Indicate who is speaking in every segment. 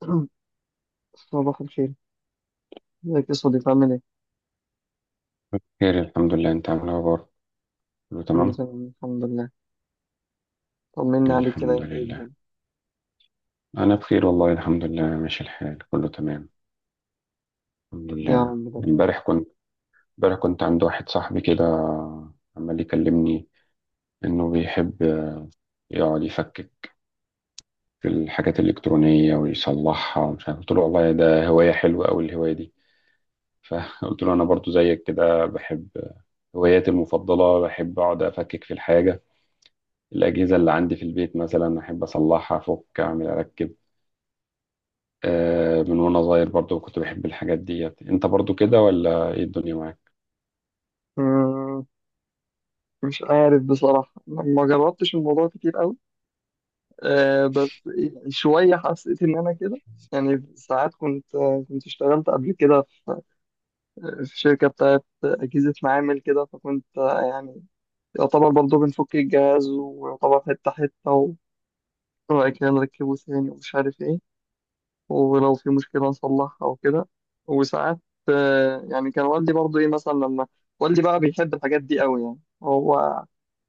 Speaker 1: صباح الخير. ازيك يا صديقي؟ عامل ايه؟
Speaker 2: خير الحمد لله. انت عامل ايه برضه؟ كله
Speaker 1: كله
Speaker 2: تمام
Speaker 1: تمام، الحمد لله. طمنا عليك كده،
Speaker 2: الحمد
Speaker 1: انت ايه
Speaker 2: لله.
Speaker 1: الدنيا؟
Speaker 2: انا بخير والله الحمد لله، ماشي الحال كله تمام الحمد
Speaker 1: يا
Speaker 2: لله.
Speaker 1: رب. ده
Speaker 2: امبارح كنت امبارح كنت عند واحد صاحبي كده، عمال يكلمني انه بيحب يقعد يفكك في الحاجات الالكترونيه ويصلحها ومش عارف. قلت له والله ده هوايه حلوه قوي الهوايه دي، فقلت له انا برضو زيك كده بحب هواياتي المفضله، بحب اقعد افكك في الحاجه، الاجهزه اللي عندي في البيت مثلا احب اصلحها، افك اعمل اركب. من وانا صغير برضو كنت بحب الحاجات ديت. انت برضو كده ولا ايه الدنيا معاك؟
Speaker 1: مم، مش عارف بصراحة. ما جربتش الموضوع كتير قوي. بس شوية حسيت ان انا كده. يعني ساعات كنت، اشتغلت قبل كده في شركة بتاعت أجهزة معامل كده، فكنت يعني يعتبر برضه بنفك الجهاز ويعتبر حتة حتة، وبعد كده نركبه تاني ومش عارف ايه، ولو في مشكلة نصلحها أو كده. وساعات يعني كان والدي برضه إيه مثلا، لما والدي بقى بيحب الحاجات دي قوي، يعني هو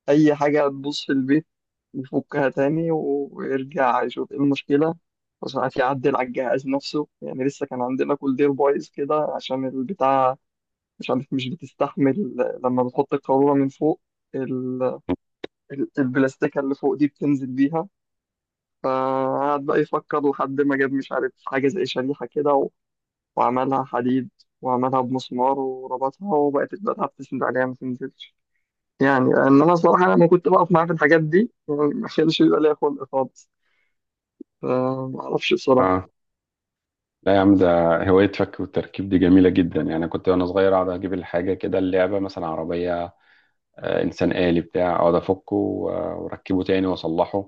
Speaker 1: أي حاجة تبوظ في البيت يفكها تاني ويرجع يشوف إيه المشكلة، وساعات يعدل على الجهاز نفسه. يعني لسه كان عندنا كولدير بايظ كده عشان البتاع مش عارف مش بتستحمل لما بتحط القارورة من فوق. ال- البلاستيكة اللي فوق دي بتنزل بيها، فقعد بقى يفكر لحد ما جاب مش عارف حاجة زي شريحة كده، وعملها حديد وعملها بمسمار وربطها، وبقت البتاعة بتسند عليها ما تنزلش. يعني لأن أنا الصراحة لما كنت بقف معاه في الحاجات دي، يعني ما كانش بيبقى ليا خلق خالص، فما أعرفش بصراحة
Speaker 2: اه، لا يا عم، ده هواية فك والتركيب دي جميلة جدا. يعني كنت وانا صغير اقعد اجيب الحاجة كده، اللعبة مثلا، عربية، انسان آلي بتاع، اقعد افكه واركبه تاني واصلحه.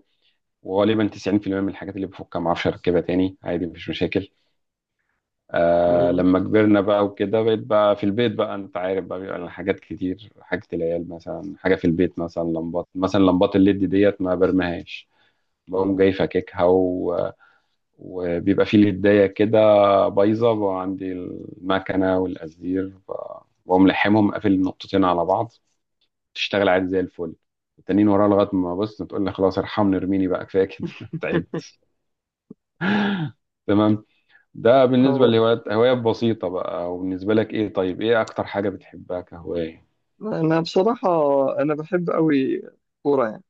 Speaker 2: وغالبا 90% من الحاجات اللي بفكها ما اعرفش اركبها تاني، عادي مفيش مشاكل. آه
Speaker 1: يعني.
Speaker 2: لما كبرنا بقى وكده، بقيت في البيت بقى، انت عارف بقى بيبقى لنا حاجات كتير، حاجة العيال مثلا، حاجة في البيت مثلا، لمبات، مثلا لمبات الليد ديت ما برمهاش، بقوم جاي فاككها و... وبيبقى في لداية كده بايظة بقى عندي، المكنة والقزدير، بقوم لحمهم قافل النقطتين على بعض، تشتغل عادي زي الفل. التانيين وراها لغاية ما بص تقول لي خلاص ارحمني ارميني بقى، كفاية كده تعبت. تمام. ده بالنسبة
Speaker 1: آه،
Speaker 2: لهوايات، هوايات بسيطة بقى. وبالنسبة لك ايه؟ طيب ايه أكتر حاجة بتحبها كهواية؟
Speaker 1: أنا بصراحة، أنا بحب أوي كورة يعني.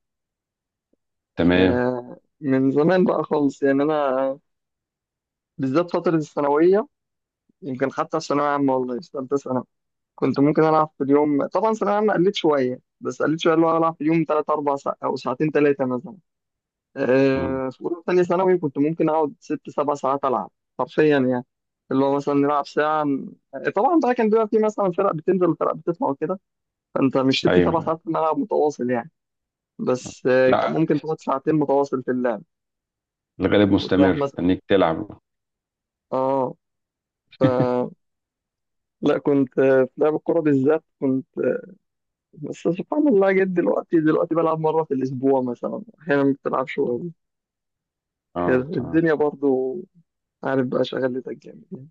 Speaker 2: تمام.
Speaker 1: من زمان بقى خالص يعني، أنا بالذات فترة الثانوية، يمكن حتى في ثانوية عامة والله، في ثالثة ثانوي كنت ممكن ألعب في اليوم. طبعا ثانوية عامة قلت شوية، بس قلت شوية اللي هو ألعب في اليوم 3 4 ساعات، أو ساعتين تلاتة مثلا.
Speaker 2: مم.
Speaker 1: في أولى وتانية ثانوي كنت ممكن أقعد 6 7 ساعات ألعب، حرفيا يعني. اللي هو مثلا نلعب ساعة، طبعا بقى كان بيبقى في مثلا فرق بتنزل وفرق بتطلع وكده، فأنت مش ست سبع
Speaker 2: أيوه.
Speaker 1: ساعات في الملعب متواصل يعني. بس كان
Speaker 2: لا،
Speaker 1: ممكن تاخد ساعتين متواصل في اللعب
Speaker 2: الغالب
Speaker 1: وتريح
Speaker 2: مستمر
Speaker 1: مثلا.
Speaker 2: تنيك تلعب.
Speaker 1: اه ف لا كنت في لعب الكورة بالذات، كنت بس سبحان الله جد. دلوقتي دلوقتي بلعب مرة في الأسبوع مثلا، أحيانا ما بتلعبش. كده
Speaker 2: اه تمام.
Speaker 1: الدنيا برضو. عارف بقى، شغلتك جامد.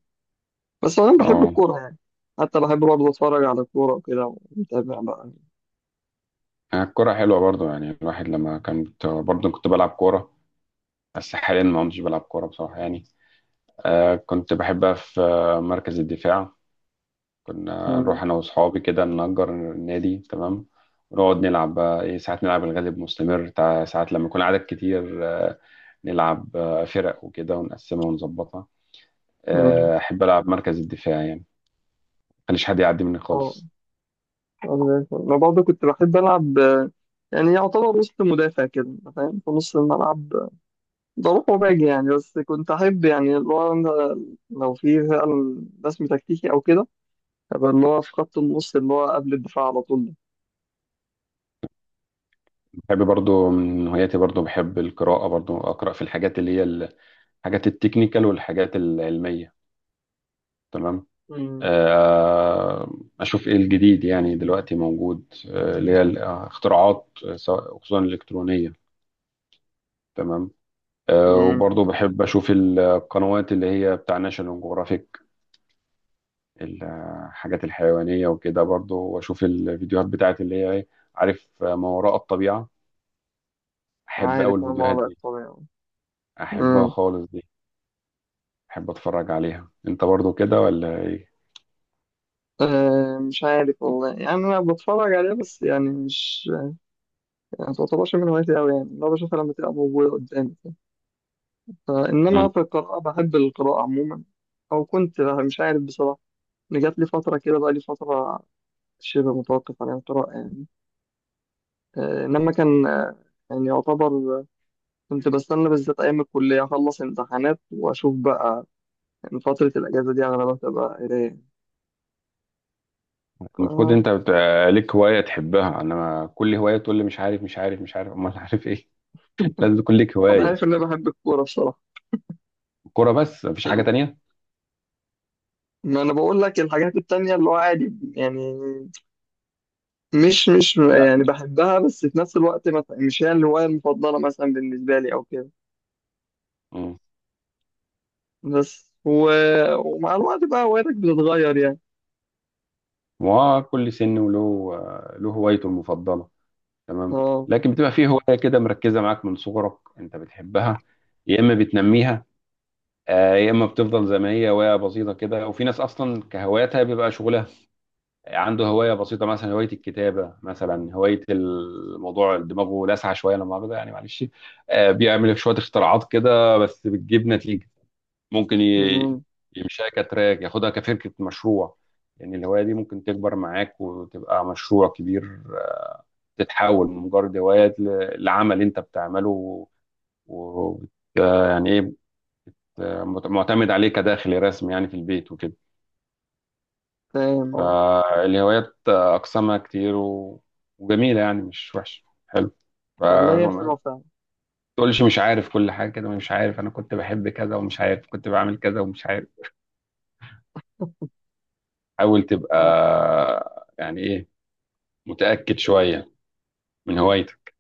Speaker 1: بس أنا بحب
Speaker 2: اه،
Speaker 1: الكورة يعني. حتى بحب برضه أتفرج على الكورة وكده، ومتابع بقى.
Speaker 2: الكرة حلوة برضو. يعني الواحد لما، كنت برضو كنت بلعب كورة، بس حاليا ما كنتش بلعب كورة بصراحة يعني. كنت بحبها في مركز الدفاع. كنا نروح
Speaker 1: مم.
Speaker 2: أنا وأصحابي كده نأجر نادي. تمام. ونقعد نلعب بقى إيه، ساعات نلعب الغالب مستمر ساعات لما يكون عدد كتير نلعب فرق وكده، ونقسمها ونظبطها.
Speaker 1: مم.
Speaker 2: أحب ألعب مركز الدفاع يعني، مخليش حد يعدي مني
Speaker 1: أه،
Speaker 2: خالص.
Speaker 1: أنا زي الفل. أنا برضه كنت بحب ألعب، يعني يعتبر وسط مدافع كده، أنت فاهم، في نص الملعب. بروح وباجي يعني. بس كنت أحب يعني، اللي هو أنا لو في فعلا رسم تكتيكي أو كده، أبقى اللي هو في خط النص اللي هو قبل الدفاع على طول ده.
Speaker 2: بحب برضو من هواياتي برضو بحب القراءة، برضو أقرأ في الحاجات اللي هي حاجات التكنيكال والحاجات العلمية. تمام.
Speaker 1: مم.
Speaker 2: آه، أشوف إيه الجديد يعني دلوقتي موجود، اللي هي الاختراعات، سواء خصوصا الإلكترونية. تمام.
Speaker 1: مم.
Speaker 2: وبرضه بحب أشوف القنوات اللي هي بتاع ناشونال جغرافيك، الحاجات الحيوانية وكده برضه. وأشوف الفيديوهات بتاعت اللي هي عارف، ما وراء الطبيعة. أحب أوي
Speaker 1: عارف، أنا
Speaker 2: الفيديوهات
Speaker 1: وضعك
Speaker 2: دي،
Speaker 1: طبيعي.
Speaker 2: أحبها
Speaker 1: مم.
Speaker 2: خالص دي. أحب أتفرج عليها. أنت برضه كده ولا إيه؟
Speaker 1: مش عارف والله يعني. أنا بتفرج عليه بس يعني مش، يعني ما تعتبرش من هوايتي أوي يعني. لو بشوفها لما تبقى موجودة قدامي، فإنما في القراءة بحب القراءة عموما. أو كنت مش عارف بصراحة، إن جات لي فترة، كده بقى لي فترة شبه متوقف عن القراءة يعني. إنما كان يعني يعتبر آه، كنت بستنى بالذات أيام الكلية أخلص امتحانات، وأشوف بقى إن فترة الأجازة دي أغلبها تبقى قراية.
Speaker 2: المفروض
Speaker 1: ف-
Speaker 2: انت بتبقى ليك هواية تحبها. انا كل هواية تقول لي مش عارف مش عارف مش عارف امال عارف ايه؟ لازم تكون ليك
Speaker 1: أنا
Speaker 2: هواية.
Speaker 1: عارف إن أنا بحب الكورة بصراحة.
Speaker 2: الكورة بس مفيش حاجة تانية؟
Speaker 1: ما أنا بقول لك الحاجات التانية اللي هو عادي يعني. مش
Speaker 2: لا.
Speaker 1: يعني بحبها بس في نفس الوقت مثلا مش هي الهواية المفضلة مثلا بالنسبة لي أو كده.
Speaker 2: امم.
Speaker 1: بس و... ومع الوقت بقى هوايتك بتتغير يعني.
Speaker 2: وكل سن وله له هوايته المفضلة. تمام.
Speaker 1: اه.
Speaker 2: لكن بتبقى فيه هواية كده مركزة معاك من صغرك انت بتحبها، يا اما بتنميها يا اما بتفضل زي ما هي هواية بسيطة كده. وفي ناس اصلا كهواياتها بيبقى شغلها. عنده هواية بسيطة، مثلا هواية الكتابة مثلا، هواية الموضوع دماغه لاسعة شوية لما أخده، يعني معلش بيعمل شوية اختراعات كده بس بتجيب نتيجة. ممكن
Speaker 1: أمم،
Speaker 2: يمشيها كتراك، ياخدها كفكرة مشروع. يعني الهواية دي ممكن تكبر معاك وتبقى مشروع كبير، تتحول من مجرد هواية لعمل أنت بتعمله، و يعني إيه، معتمد عليه كداخل رسمي يعني في البيت وكده.
Speaker 1: فاهم اه.
Speaker 2: فالهوايات أقسامها كتير و... وجميلة، يعني مش وحشة، حلو.
Speaker 1: والله هي
Speaker 2: فما
Speaker 1: حلوة فعلا.
Speaker 2: تقولش مش عارف كل حاجة كده، مش عارف أنا كنت بحب كذا، ومش عارف كنت بعمل كذا، ومش عارف. حاول تبقى،
Speaker 1: اه.
Speaker 2: يعني إيه، متأكد شوية من هوايتك.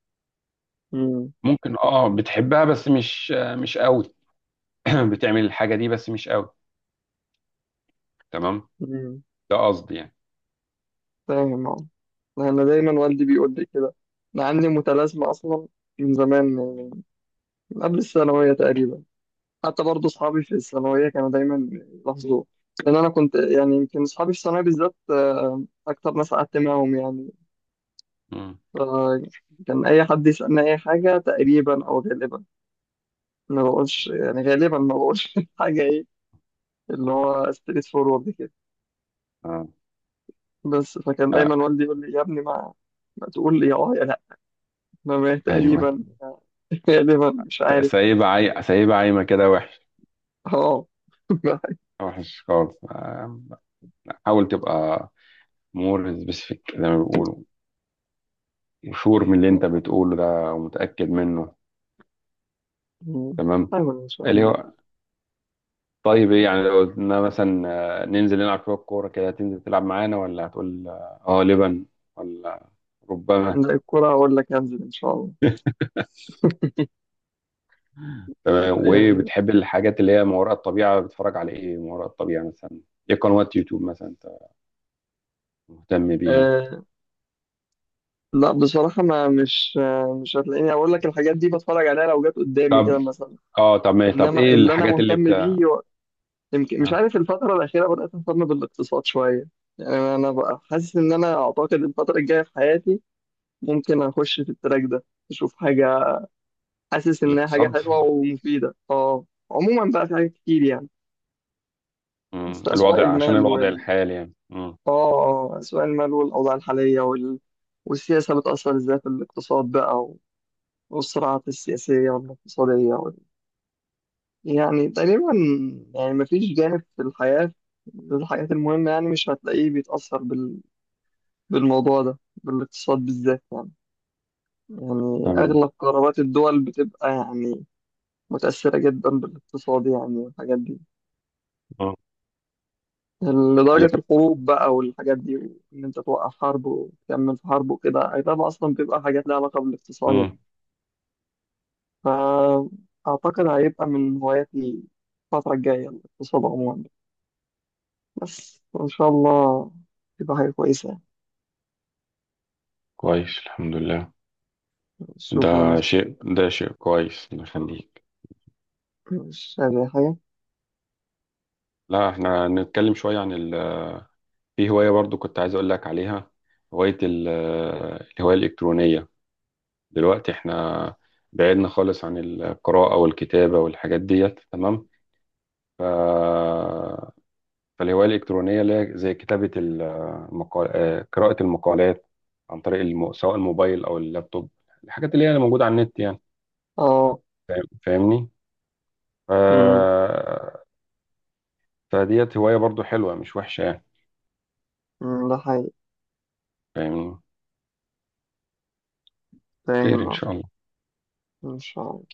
Speaker 1: أمم.
Speaker 2: ممكن اه بتحبها بس مش قوي، بتعمل الحاجة دي بس مش قوي. تمام.
Speaker 1: أمم،
Speaker 2: ده قصدي يعني.
Speaker 1: فاهم اه. أنا دايما والدي بيقول لي كده. أنا عندي متلازمة أصلا، من زمان، من قبل الثانوية تقريبا. حتى برضه أصحابي في الثانوية كانوا دايما يلاحظوه، لأن أنا كنت يعني، يمكن أصحابي في الثانوية بالذات أكتر ناس قعدت معاهم يعني.
Speaker 2: مم.
Speaker 1: فكان أي حد يسألني أي حاجة تقريبا، أو غالبا ما بقولش يعني، غالبا ما بقولش حاجة إيه، اللي هو ستريت فورورد كده.
Speaker 2: اه،
Speaker 1: بس فكان دايما
Speaker 2: آه،
Speaker 1: والدي يقول لي: يا ابني، ما تقول لي يا اه يا لا، ما
Speaker 2: ايوه،
Speaker 1: تقريبا غالبا مش عارف.
Speaker 2: سايبة سايبة عايمة كده، وحش،
Speaker 1: اه
Speaker 2: وحش خالص. حاول تبقى مور سبيسيفيك زي ما بيقولوا، وشور من اللي انت بتقوله ده ومتأكد منه. تمام.
Speaker 1: حاول ان شاء
Speaker 2: اللي
Speaker 1: الله.
Speaker 2: هو، طيب ايه يعني لو قلنا مثلا ننزل نلعب شويه كوره كده، هتنزل تلعب معانا ولا هتقول اه؟ لبن، ولا ربما.
Speaker 1: لا، الكرة اقول لك هنزل ان شاء الله.
Speaker 2: تمام. وايه
Speaker 1: يعني
Speaker 2: بتحب الحاجات اللي هي ما وراء الطبيعه؟ بتتفرج على ايه ما وراء الطبيعه مثلا؟ ايه قنوات يوتيوب مثلا انت مهتم بيها؟
Speaker 1: آه لا بصراحة، ما مش، مش هتلاقيني اقول لك الحاجات دي بتفرج عليها، لو جت قدامي
Speaker 2: طب
Speaker 1: كده مثلا.
Speaker 2: اه، طب ما، طب
Speaker 1: انما
Speaker 2: ايه
Speaker 1: اللي انا
Speaker 2: الحاجات اللي بت،
Speaker 1: مهتم بيه، يمكن مش
Speaker 2: ها؟
Speaker 1: عارف، الفترة الأخيرة بدأت أهتم بالاقتصاد شوية. يعني أنا بقى حاسس إن أنا، أعتقد الفترة الجاية في حياتي ممكن أخش في التراك ده أشوف حاجة. حاسس إنها حاجة
Speaker 2: الاقتصاد.
Speaker 1: حلوة ومفيدة. أه، عموما بقى في حاجات كتير يعني.
Speaker 2: مم.
Speaker 1: بس أسواق
Speaker 2: الوضع عشان
Speaker 1: المال
Speaker 2: الوضع
Speaker 1: وال
Speaker 2: الحالي يعني. مم.
Speaker 1: أه آه، أسواق المال والأوضاع الحالية والسياسة بتأثر إزاي في الاقتصاد بقى، والصراعات السياسية والاقتصادية يعني تقريبا، يعني مفيش جانب في الحياة، الحاجات المهمة يعني، مش هتلاقيه بيتأثر بالموضوع ده، بالاقتصاد بالذات يعني. يعني
Speaker 2: تمام.
Speaker 1: أغلب قرارات الدول بتبقى يعني متأثرة جدا بالاقتصاد يعني، والحاجات دي
Speaker 2: اه.
Speaker 1: لدرجة
Speaker 2: عليك.
Speaker 1: الحروب بقى والحاجات دي. وإن أنت توقف حرب وتكمل في حرب وكده، أي طبعا أصلا بتبقى حاجات لها علاقة بالاقتصاد يعني.
Speaker 2: مم.
Speaker 1: فأعتقد هيبقى من هواياتي الفترة الجاية الاقتصاد عموما. بس وإن شاء الله تبقى حاجة كويسة يعني.
Speaker 2: كويس الحمد لله.
Speaker 1: شكرا يا
Speaker 2: ده
Speaker 1: صديقي.
Speaker 2: شيء، ده شيء كويس، الله يخليك.
Speaker 1: مش عايز أي حاجة.
Speaker 2: لا، احنا نتكلم شوية عن ال... في هواية برضو كنت عايز اقول لك عليها، هواية ال... الهواية الإلكترونية. دلوقتي احنا بعدنا خالص عن القراءة والكتابة والحاجات ديت. تمام. ف... فالهواية الإلكترونية اللي هي زي كتابة المقال... آه، قراءة المقالات عن طريق سواء الموبايل أو اللابتوب، الحاجات اللي هي موجودة على النت يعني.
Speaker 1: اه.
Speaker 2: فاهمني؟ ف...
Speaker 1: أمم،
Speaker 2: فديت هواية برضو حلوة مش وحشة يعني.
Speaker 1: أمم، ده حقيقي.
Speaker 2: فاهمني؟ خير
Speaker 1: فاهم
Speaker 2: إن
Speaker 1: آه.
Speaker 2: شاء الله.
Speaker 1: إن شاء الله.